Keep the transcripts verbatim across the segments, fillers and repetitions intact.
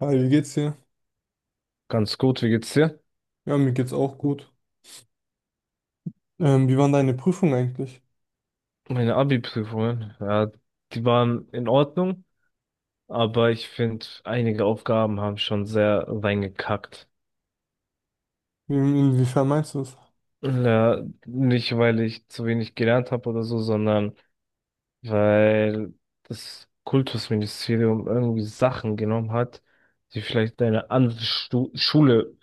Hi, wie geht's dir? Ganz gut, wie geht's dir? Ja, mir geht's auch gut. Ähm, wie waren deine Prüfungen eigentlich? Meine Abi-Prüfungen, ja, die waren in Ordnung, aber ich finde, einige Aufgaben haben schon sehr reingekackt. Wie- Inwiefern meinst du es? Ja, nicht, weil ich zu wenig gelernt habe oder so, sondern weil das Kultusministerium irgendwie Sachen genommen hat, die vielleicht eine andere Stu Schule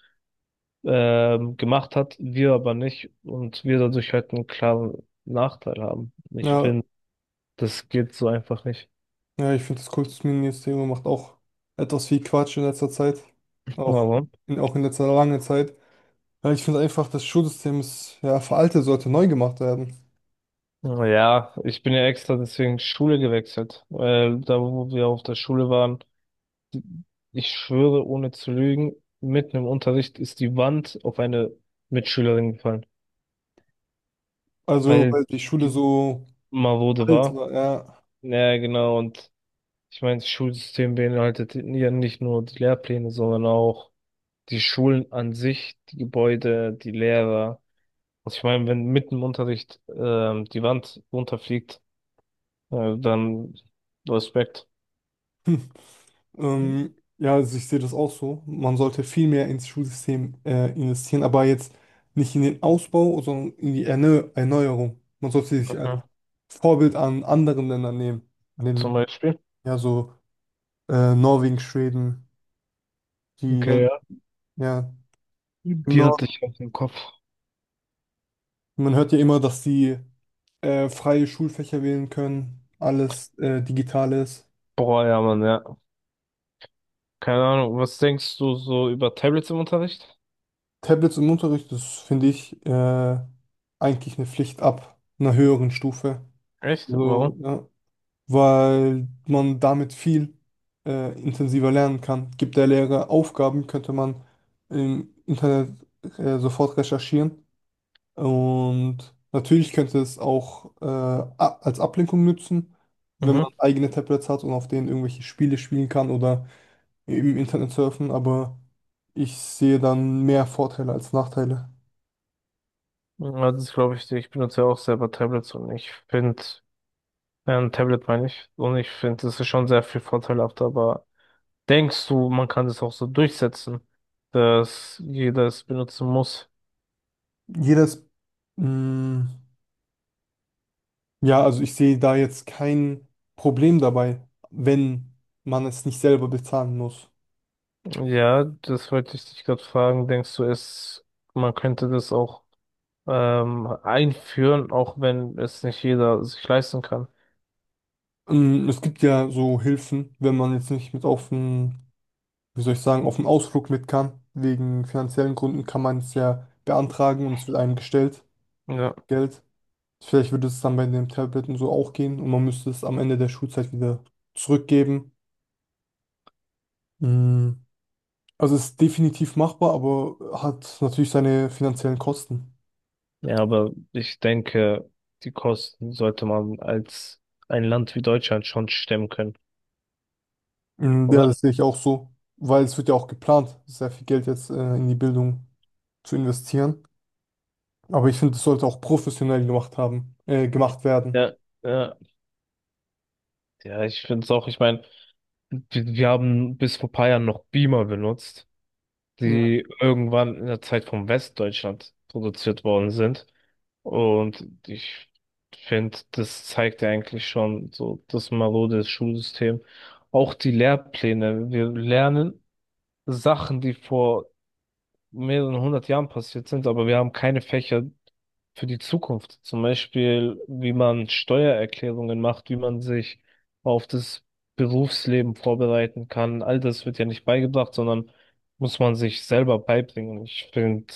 ähm, gemacht hat, wir aber nicht und wir dadurch halt einen klaren Nachteil haben. Ich Ja, finde, das geht so einfach nicht. ja, ich finde, das Kultusministerium macht auch etwas viel Quatsch in letzter Zeit. Auch Aber. in, auch in letzter lange Zeit. Ja, ich finde einfach, das Schulsystem ist ja veraltet, sollte neu gemacht werden. Ja, ich bin ja extra deswegen Schule gewechselt, weil da, wo wir auf der Schule waren, ich schwöre, ohne zu lügen, mitten im Unterricht ist die Wand auf eine Mitschülerin gefallen, Also, weil weil die Schule die so marode alt war. war, ja. Ja, genau, und ich meine, das Schulsystem beinhaltet ja nicht nur die Lehrpläne, sondern auch die Schulen an sich, die Gebäude, die Lehrer. Also ich meine, wenn mitten im Unterricht ähm, die Wand runterfliegt, äh, dann Respekt. Ähm, ja, also ich sehe das auch so. Man sollte viel mehr ins Schulsystem äh, investieren, aber jetzt nicht in den Ausbau, sondern in die Erneu Erneuerung. Man sollte sich Mhm. als Vorbild an anderen Ländern nehmen, an Zum den, Beispiel. ja, so äh, Norwegen, Schweden, die dann, Okay, ja. ja, im Die hatte Norden. ich auf dem Kopf. Man hört ja immer, dass die äh, freie Schulfächer wählen können, alles äh, digital ist. Boah, ja, Mann, ja. Keine Ahnung. Was denkst du so über Tablets im Unterricht? Tablets im Unterricht, das finde ich äh, eigentlich eine Pflicht ab einer höheren Stufe. Echt? Also, Warum? ja, weil man damit viel äh, intensiver lernen kann. Gibt der Lehrer Aufgaben, könnte man im Internet äh, sofort recherchieren. Und natürlich könnte es auch äh, a- als Ablenkung nützen, wenn Mhm. man eigene Tablets hat und auf denen irgendwelche Spiele spielen kann oder im Internet surfen, aber ich sehe dann mehr Vorteile als Nachteile. Ja, das glaube ich dir. Ich benutze ja auch selber Tablets und ich finde, ein Tablet meine ich, und ich finde, das ist schon sehr viel vorteilhafter, aber denkst du, man kann das auch so durchsetzen, dass jeder es benutzen muss? Jedes, mm, Ja, also ich sehe da jetzt kein Problem dabei, wenn man es nicht selber bezahlen muss. Ja, das wollte ich dich gerade fragen. Denkst du, es, man könnte das auch ähm, einführen, auch wenn es nicht jeder sich leisten kann. Ähm, Es gibt ja so Hilfen, wenn man jetzt nicht mit auf den, wie soll ich sagen, auf den Ausflug mit kann. Wegen finanziellen Gründen kann man es ja beantragen und es wird einem gestellt, Ja. Geld. Vielleicht würde es dann bei den Tabletten so auch gehen und man müsste es am Ende der Schulzeit wieder zurückgeben. Mm, Also es ist definitiv machbar, aber hat natürlich seine finanziellen Kosten. Ja, aber ich denke, die Kosten sollte man als ein Land wie Deutschland schon stemmen können, Mm, Ja, oder? das sehe ich auch so, weil es wird ja auch geplant, sehr viel Geld jetzt äh, in die Bildung zu investieren. Aber ich finde, es sollte auch professionell gemacht haben, äh, gemacht werden. Ja, ja, ja, ich finde es auch, ich meine, wir, wir haben bis vor paar Jahren noch Beamer benutzt, Ja, die irgendwann in der Zeit von Westdeutschland produziert worden sind. Und ich finde, das zeigt ja eigentlich schon so das marode Schulsystem. Auch die Lehrpläne. Wir lernen Sachen, die vor mehreren hundert Jahren passiert sind, aber wir haben keine Fächer für die Zukunft. Zum Beispiel, wie man Steuererklärungen macht, wie man sich auf das Berufsleben vorbereiten kann. All das wird ja nicht beigebracht, sondern muss man sich selber beibringen. Ich finde,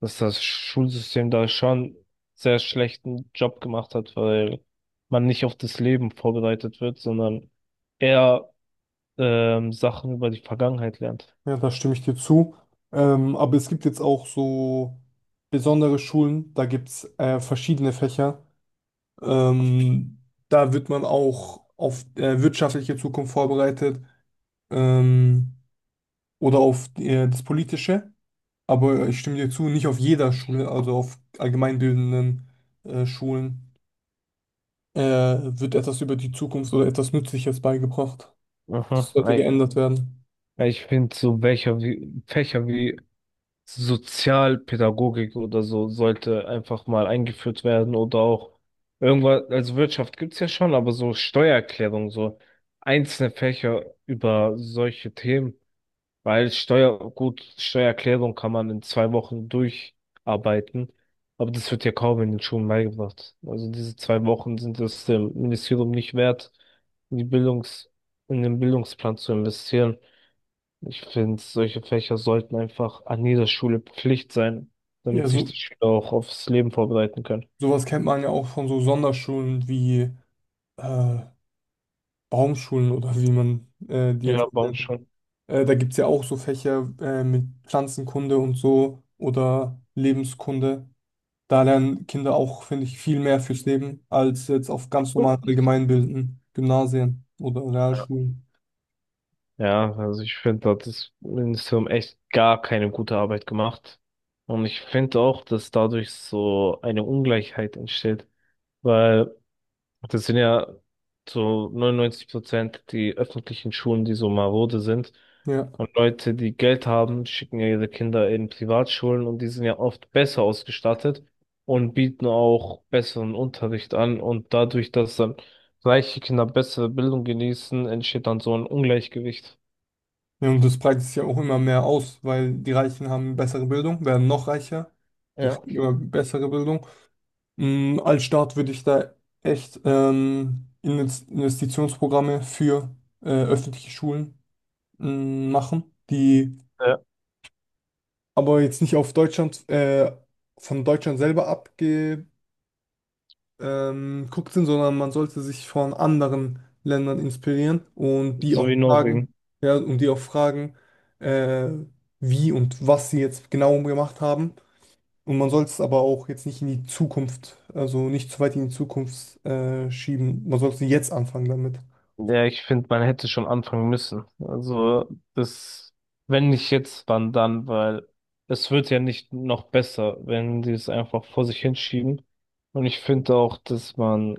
dass das Schulsystem da schon sehr schlechten Job gemacht hat, weil man nicht auf das Leben vorbereitet wird, sondern eher ähm, Sachen über die Vergangenheit lernt. ja, da stimme ich dir zu. Ähm, aber es gibt jetzt auch so besondere Schulen, da gibt es äh, verschiedene Fächer. Ähm, Da wird man auch auf äh, wirtschaftliche Zukunft vorbereitet ähm, oder auf äh, das Politische. Aber ich stimme dir zu, nicht auf jeder Schule, also auf allgemeinbildenden äh, Schulen, äh, wird etwas über die Zukunft oder etwas Nützliches beigebracht. Mhm. Das sollte geändert werden. Ja, ich finde, so welcher wie, Fächer wie Sozialpädagogik oder so sollte einfach mal eingeführt werden oder auch irgendwas, also Wirtschaft gibt's ja schon, aber so Steuererklärung, so einzelne Fächer über solche Themen, weil Steuer, gut, Steuererklärung kann man in zwei Wochen durcharbeiten, aber das wird ja kaum in den Schulen beigebracht. Also diese zwei Wochen sind es dem Ministerium nicht wert, in die Bildungs, in den Bildungsplan zu investieren. Ich finde, solche Fächer sollten einfach an jeder Schule Pflicht sein, Ja, damit sich so, die Schüler auch aufs Leben vorbereiten können. sowas kennt man ja auch von so Sonderschulen wie äh, Baumschulen oder wie man äh, die jetzt Ja, auch Baum nennt. schon. Äh, da gibt es ja auch so Fächer äh, mit Pflanzenkunde und so oder Lebenskunde. Da lernen Kinder auch, finde ich, viel mehr fürs Leben als jetzt auf ganz normalen allgemeinbildenden Gymnasien oder Ja, Realschulen. ja, also ich finde, da hat das Ministerium echt gar keine gute Arbeit gemacht. Und ich finde auch, dass dadurch so eine Ungleichheit entsteht, weil Das sind ja so neunundneunzig Prozent die öffentlichen Schulen, die so marode sind. Ja. Und Leute, die Geld haben, schicken ja ihre Kinder in Privatschulen und die sind ja oft besser ausgestattet und bieten auch besseren Unterricht an. Und dadurch, dass dann reiche Kinder bessere Bildung genießen, entsteht dann so ein Ungleichgewicht. Ja, und das breitet sich ja auch immer mehr aus, weil die Reichen haben bessere Bildung, werden noch reicher und Ja. kriegen immer bessere Bildung. Mm, als Staat würde ich da echt ähm, Inves- Investitionsprogramme für äh, öffentliche Schulen mm, machen, die Ja. aber jetzt nicht auf Deutschland, äh, von Deutschland selber abge ähm, guckt sind, sondern man sollte sich von anderen Ländern inspirieren und die So auch Genau. wie fragen, Norwegen. ja, und die auch fragen, äh, wie und was sie jetzt genau gemacht haben. Und man soll es aber auch jetzt nicht in die Zukunft, also nicht zu weit in die Zukunft äh, schieben. Man sollte jetzt anfangen damit. Ja, ich finde, man hätte schon anfangen müssen. Also, das, wenn nicht jetzt, wann dann, weil es wird ja nicht noch besser, wenn die es einfach vor sich hinschieben. Und ich finde auch, dass man,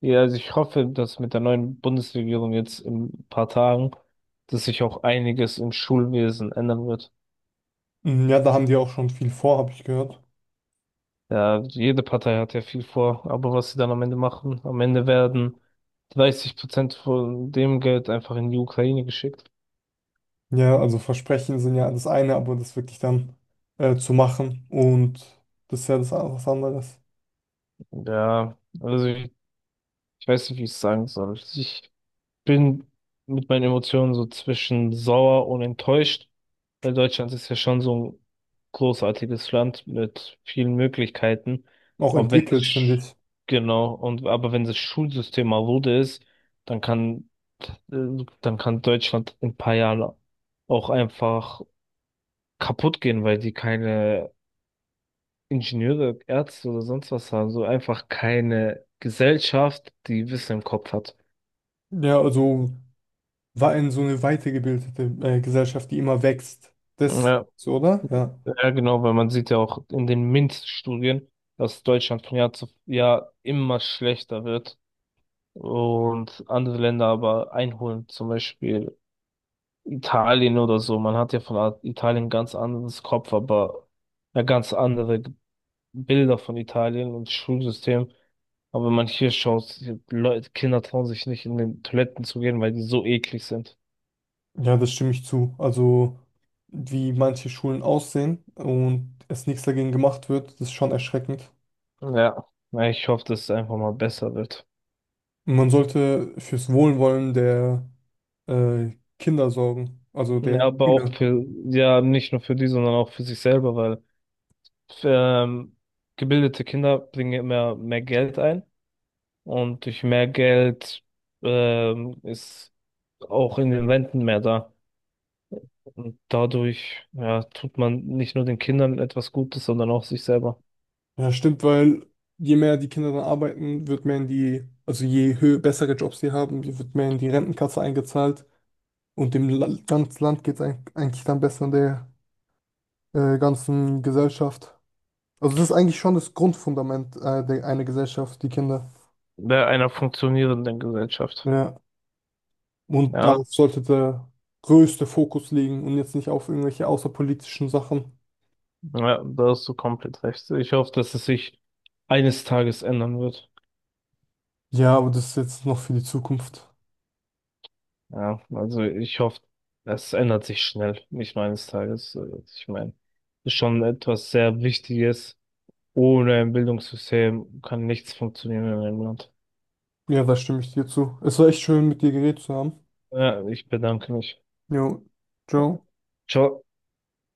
ja, also ich hoffe, dass mit der neuen Bundesregierung jetzt in ein paar Tagen, dass sich auch einiges im Schulwesen ändern wird. Mm, Ja, da haben die auch schon viel vor, habe ich gehört. Ja, jede Partei hat ja viel vor, aber was sie dann am Ende machen, am Ende werden dreißig Prozent von dem Geld einfach in die Ukraine geschickt. Ja, also Versprechen sind ja das eine, aber das wirklich dann äh, zu machen und das ist ja das was anderes. Ja, also ich weiß nicht, wie ich es sagen soll. Ich bin mit meinen Emotionen so zwischen sauer und enttäuscht, weil Deutschland ist ja schon so ein großartiges Land mit vielen Möglichkeiten. Auch Aber wenn das, entwickelt, finde Sch- ich. genau, und, aber wenn das Schulsystem marode ist, dann kann, äh, dann kann Deutschland in ein paar Jahren auch einfach kaputt gehen, weil die keine Ingenieure, Ärzte oder sonst was haben, so einfach keine Gesellschaft, die Wissen im Kopf hat. Ja, also war in so eine weitergebildete äh, Gesellschaft, die immer wächst. Das Ja. so, oder? Ja. Ja, genau, weil man sieht ja auch in den MINT-Studien, dass Deutschland von Jahr zu Jahr immer schlechter wird und andere Länder aber einholen, zum Beispiel Italien oder so. Man hat ja von A- Italien ganz anderes Kopf, aber ja, ganz andere G- Bilder von Italien und Schulsystem. Aber wenn man hier schaut, Leute, Kinder trauen sich nicht in den Toiletten zu gehen, weil die so eklig sind. Ja, das stimme ich zu. Also, wie manche Schulen aussehen und es nichts dagegen gemacht wird, das ist schon erschreckend. Ja, na, ich hoffe, dass es einfach mal besser wird. Und man sollte fürs Wohlwollen der äh, Kinder sorgen, also Ja, der aber auch Schüler. für, ja, nicht nur für die, sondern auch für sich selber, weil ähm, gebildete Kinder bringen immer mehr Geld ein und durch mehr Geld ähm, ist auch in den Renten mehr da. Und dadurch, ja, tut man nicht nur den Kindern etwas Gutes, sondern auch sich selber. Ja, stimmt, weil je mehr die Kinder dann arbeiten, wird mehr in die, also je höher, bessere Jobs sie haben, wird mehr in die Rentenkasse eingezahlt. Und dem La ganzen Land geht es eigentlich dann besser. Der äh, ganzen Gesellschaft. Also das ist eigentlich schon das Grundfundament äh, der, einer Gesellschaft, die Kinder. Bei einer funktionierenden Gesellschaft. Ja. Und Ja, darauf sollte der größte Fokus liegen und jetzt nicht auf irgendwelche außerpolitischen Sachen. ja, da hast du komplett recht. Ich hoffe, dass es sich eines Tages ändern wird. Ja, aber das ist jetzt noch für die Zukunft. Ja, also ich hoffe, es ändert sich schnell, nicht nur eines Tages. So, ich meine, ist schon etwas sehr Wichtiges. Ohne ein Bildungssystem kann nichts funktionieren in einem Land. Ja, da stimme ich dir zu. Es war echt schön, mit dir geredet zu haben. Ja, ich bedanke mich. Jo, ciao. Ciao.